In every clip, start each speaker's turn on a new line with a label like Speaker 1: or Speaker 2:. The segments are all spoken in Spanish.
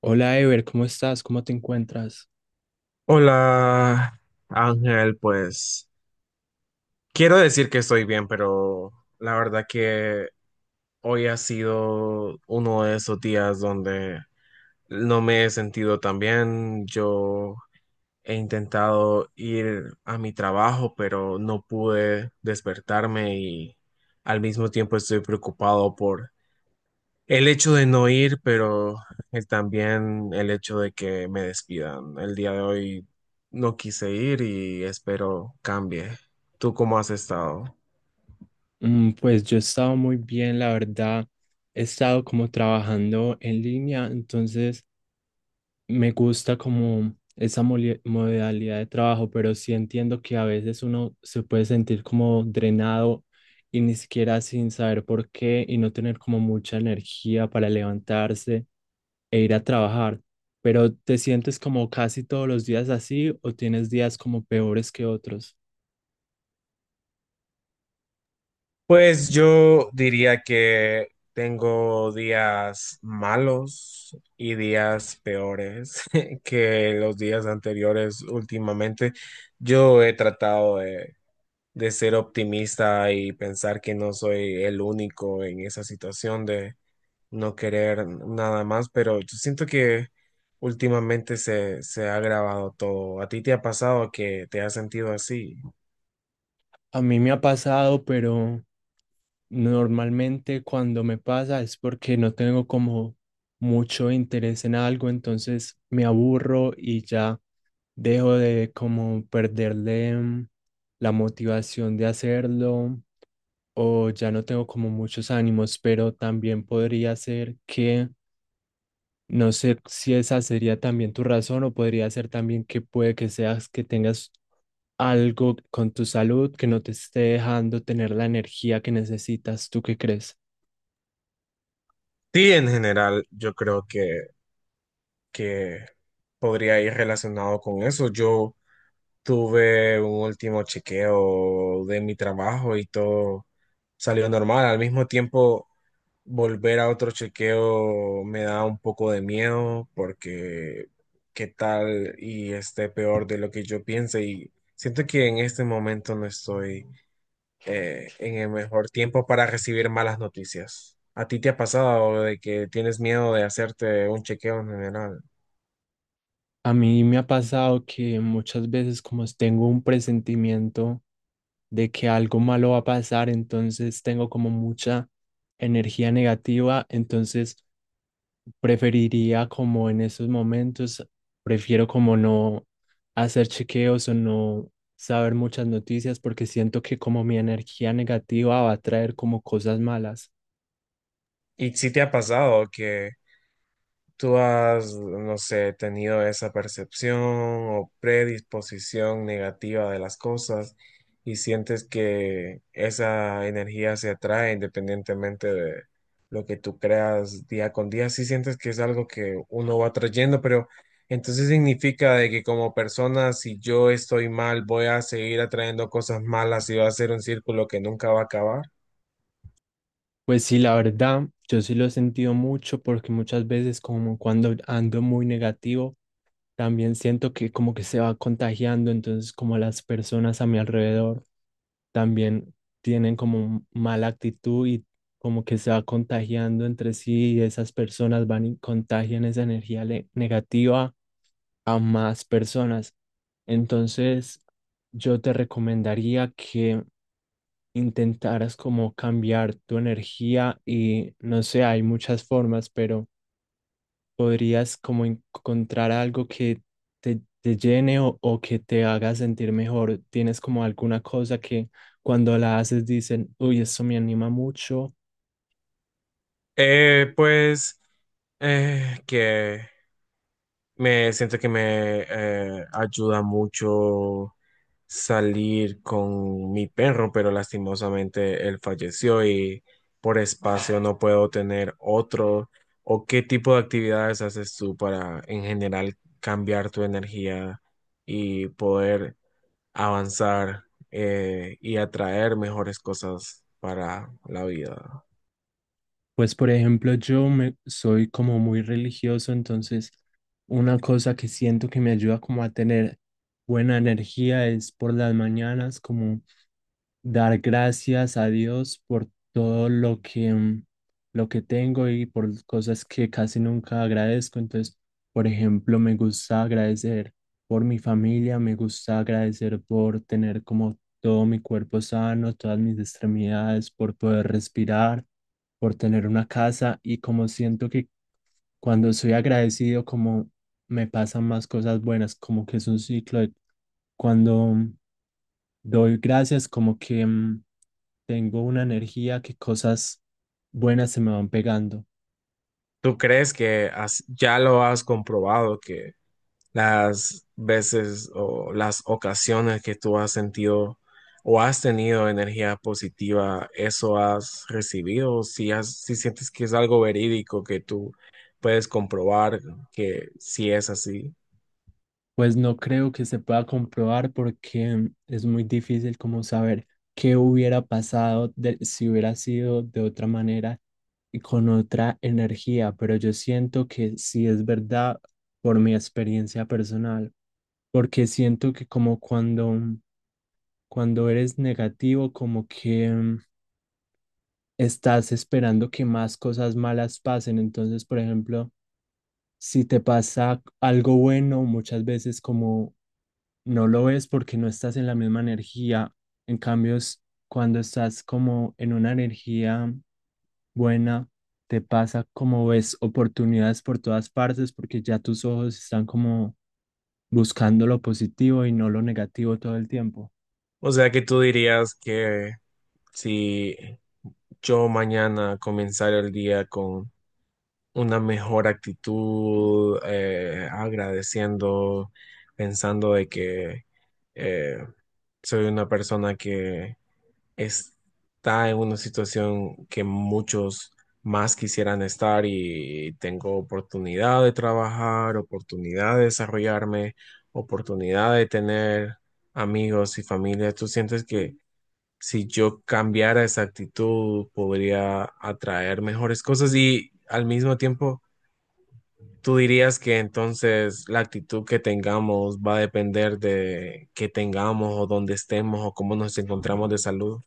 Speaker 1: Hola Ever, ¿cómo estás? ¿Cómo te encuentras?
Speaker 2: Hola, Ángel, pues quiero decir que estoy bien, pero la verdad que hoy ha sido uno de esos días donde no me he sentido tan bien. Yo he intentado ir a mi trabajo, pero no pude despertarme y al mismo tiempo estoy preocupado por el hecho de no ir, pero también el hecho de que me despidan. El día de hoy no quise ir y espero cambie. ¿Tú cómo has estado?
Speaker 1: Pues yo he estado muy bien, la verdad. He estado como trabajando en línea, entonces me gusta como esa modalidad de trabajo, pero sí entiendo que a veces uno se puede sentir como drenado y ni siquiera sin saber por qué y no tener como mucha energía para levantarse e ir a trabajar. Pero ¿te sientes como casi todos los días así o tienes días como peores que otros?
Speaker 2: Pues yo diría que tengo días malos y días peores que los días anteriores últimamente. Yo he tratado de ser optimista y pensar que no soy el único en esa situación de no querer nada más, pero yo siento que últimamente se ha agravado todo. ¿A ti te ha pasado que te has sentido así?
Speaker 1: A mí me ha pasado, pero normalmente cuando me pasa es porque no tengo como mucho interés en algo, entonces me aburro y ya dejo de como perderle la motivación de hacerlo o ya no tengo como muchos ánimos, pero también podría ser que no sé si esa sería también tu razón o podría ser también que puede que seas que tengas algo con tu salud que no te esté dejando tener la energía que necesitas. ¿Tú qué crees?
Speaker 2: Sí, en general, yo creo que podría ir relacionado con eso. Yo tuve un último chequeo de mi trabajo y todo salió normal. Al mismo tiempo, volver a otro chequeo me da un poco de miedo porque qué tal y esté peor de lo que yo piense y siento que en este momento no estoy en el mejor tiempo para recibir malas noticias. ¿A ti te ha pasado de que tienes miedo de hacerte un chequeo en general?
Speaker 1: A mí me ha pasado que muchas veces como tengo un presentimiento de que algo malo va a pasar, entonces tengo como mucha energía negativa, entonces preferiría como en esos momentos, prefiero como no hacer chequeos o no saber muchas noticias porque siento que como mi energía negativa va a traer como cosas malas.
Speaker 2: ¿Y si te ha pasado que ¿Tú has, no sé, tenido esa percepción o predisposición negativa de las cosas y sientes que esa energía se atrae independientemente de lo que tú creas día con día? Sí sientes que es algo que uno va trayendo, pero entonces significa de que como persona, si yo estoy mal, voy a seguir atrayendo cosas malas y va a ser un círculo que nunca va a acabar.
Speaker 1: Pues sí, la verdad, yo sí lo he sentido mucho porque muchas veces como cuando ando muy negativo, también siento que como que se va contagiando, entonces como las personas a mi alrededor también tienen como mala actitud y como que se va contagiando entre sí y esas personas van y contagian esa energía negativa a más personas. Entonces, yo te recomendaría que intentaras como cambiar tu energía y no sé, hay muchas formas, pero podrías como encontrar algo que te llene o que te haga sentir mejor. ¿Tienes como alguna cosa que cuando la haces dicen, uy, esto me anima mucho?
Speaker 2: Pues que Me siento que me ayuda mucho salir con mi perro, pero lastimosamente él falleció y por espacio no puedo tener otro. ¿O qué tipo de actividades haces tú para en general cambiar tu energía y poder avanzar y atraer mejores cosas para la vida?
Speaker 1: Pues por ejemplo, yo me, soy como muy religioso, entonces una cosa que siento que me ayuda como a tener buena energía es por las mañanas, como dar gracias a Dios por todo lo que, lo que tengo y por cosas que casi nunca agradezco. Entonces, por ejemplo, me gusta agradecer por mi familia, me gusta agradecer por tener como todo mi cuerpo sano, todas mis extremidades, por poder respirar, por tener una casa y como siento que cuando soy agradecido, como me pasan más cosas buenas, como que es un ciclo de cuando doy gracias, como que tengo una energía que cosas buenas se me van pegando.
Speaker 2: ¿Tú crees que ya lo has comprobado las veces o las ocasiones que tú has sentido o has tenido energía positiva, eso has recibido, si has, si sientes que es algo verídico que tú puedes comprobar que si es así?
Speaker 1: Pues no creo que se pueda comprobar porque es muy difícil como saber qué hubiera pasado si hubiera sido de otra manera y con otra energía, pero yo siento que sí es verdad por mi experiencia personal, porque siento que como cuando eres negativo, como que estás esperando que más cosas malas pasen. Entonces, por ejemplo, si te pasa algo bueno, muchas veces como no lo ves porque no estás en la misma energía. En cambio, es cuando estás como en una energía buena, te pasa como ves oportunidades por todas partes porque ya tus ojos están como buscando lo positivo y no lo negativo todo el tiempo.
Speaker 2: O sea que tú dirías que si yo mañana comenzara el día con una mejor actitud, agradeciendo, pensando de que eh, soy una persona que está en una situación que muchos más quisieran estar y tengo oportunidad de trabajar, oportunidad de desarrollarme, oportunidad de tener amigos y familia. ¿Tú sientes que si yo cambiara esa actitud podría atraer mejores cosas y al mismo tiempo... ¿Tú dirías que entonces la actitud que tengamos va a depender de qué tengamos o dónde estemos o cómo nos encontramos de salud?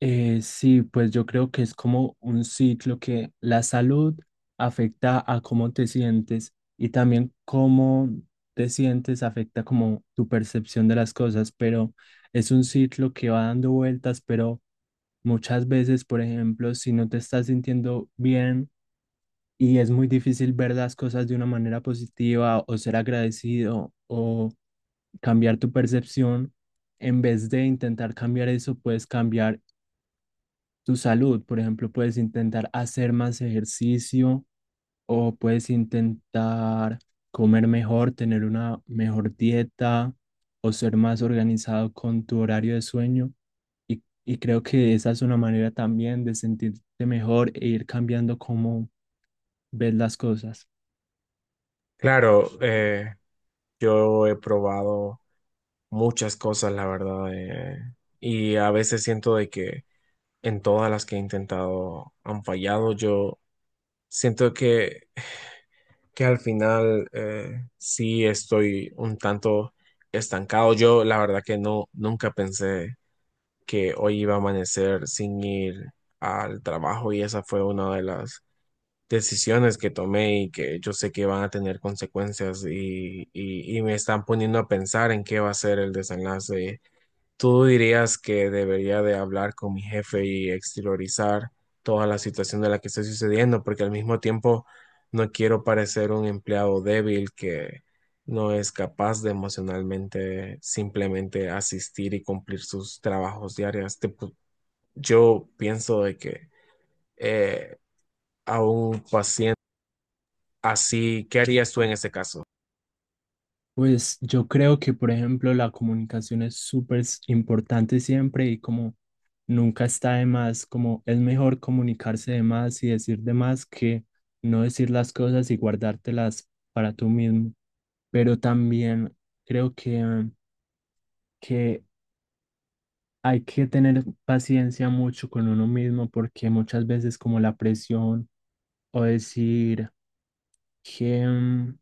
Speaker 1: Sí, pues yo creo que es como un ciclo que la salud afecta a cómo te sientes y también cómo te sientes afecta como tu percepción de las cosas, pero es un ciclo que va dando vueltas, pero muchas veces, por ejemplo, si no te estás sintiendo bien y es muy difícil ver las cosas de una manera positiva o ser agradecido o cambiar tu percepción, en vez de intentar cambiar eso, puedes cambiar tu salud. Por ejemplo, puedes intentar hacer más ejercicio o puedes intentar comer mejor, tener una mejor dieta o ser más organizado con tu horario de sueño. Y creo que esa es una manera también de sentirte mejor e ir cambiando cómo ves las cosas.
Speaker 2: Claro, yo he probado muchas cosas, la verdad, y a veces siento de que en todas las que he intentado han fallado. Yo siento que al final sí estoy un tanto estancado. Yo la verdad que no, nunca pensé que hoy iba a amanecer sin ir al trabajo y esa fue una de las decisiones que tomé y que yo sé que van a tener consecuencias y me están poniendo a pensar en qué va a ser el desenlace. ¿Tú dirías que debería de hablar con mi jefe y exteriorizar toda la situación de la que está sucediendo? Porque al mismo tiempo no quiero parecer un empleado débil que no es capaz de emocionalmente simplemente asistir y cumplir sus trabajos diarios. Te yo pienso de que eh, a un paciente así, ¿qué harías tú en ese caso?
Speaker 1: Pues yo creo que, por ejemplo, la comunicación es súper importante siempre y como nunca está de más, como es mejor comunicarse de más y decir de más que no decir las cosas y guardártelas para tú mismo. Pero también creo que hay que tener paciencia mucho con uno mismo porque muchas veces como la presión o decir que... mm,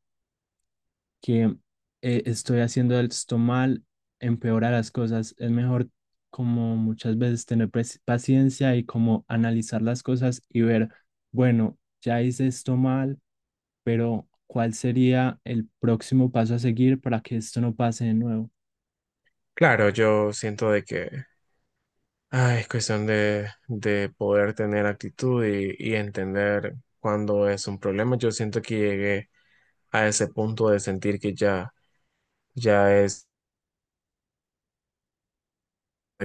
Speaker 1: que estoy haciendo esto mal, empeora las cosas. Es mejor como muchas veces tener paciencia y como analizar las cosas y ver, bueno, ya hice esto mal, pero ¿cuál sería el próximo paso a seguir para que esto no pase de nuevo?
Speaker 2: Claro, yo siento de que ay, es cuestión de poder tener actitud y entender cuándo es un problema. Yo siento que llegué a ese punto de sentir que ya es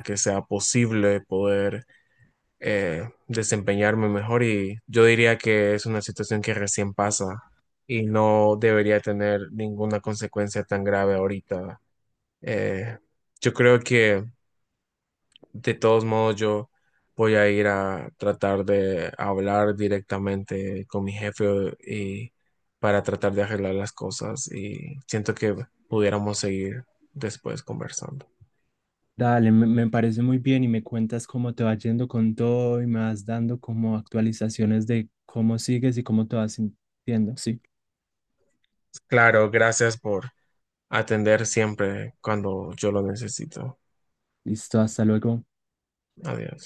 Speaker 2: que sea posible poder desempeñarme mejor y yo diría que es una situación que recién pasa y no debería tener ninguna consecuencia tan grave ahorita. Eh, yo creo que de todos modos, yo voy a ir a tratar de hablar directamente con mi jefe y para tratar de arreglar las cosas y siento que pudiéramos seguir después conversando.
Speaker 1: Dale, me parece muy bien y me cuentas cómo te va yendo con todo y me vas dando como actualizaciones de cómo sigues y cómo te vas sintiendo. Sí,
Speaker 2: Claro, gracias por atender siempre cuando yo lo necesito.
Speaker 1: listo, hasta luego.
Speaker 2: Adiós.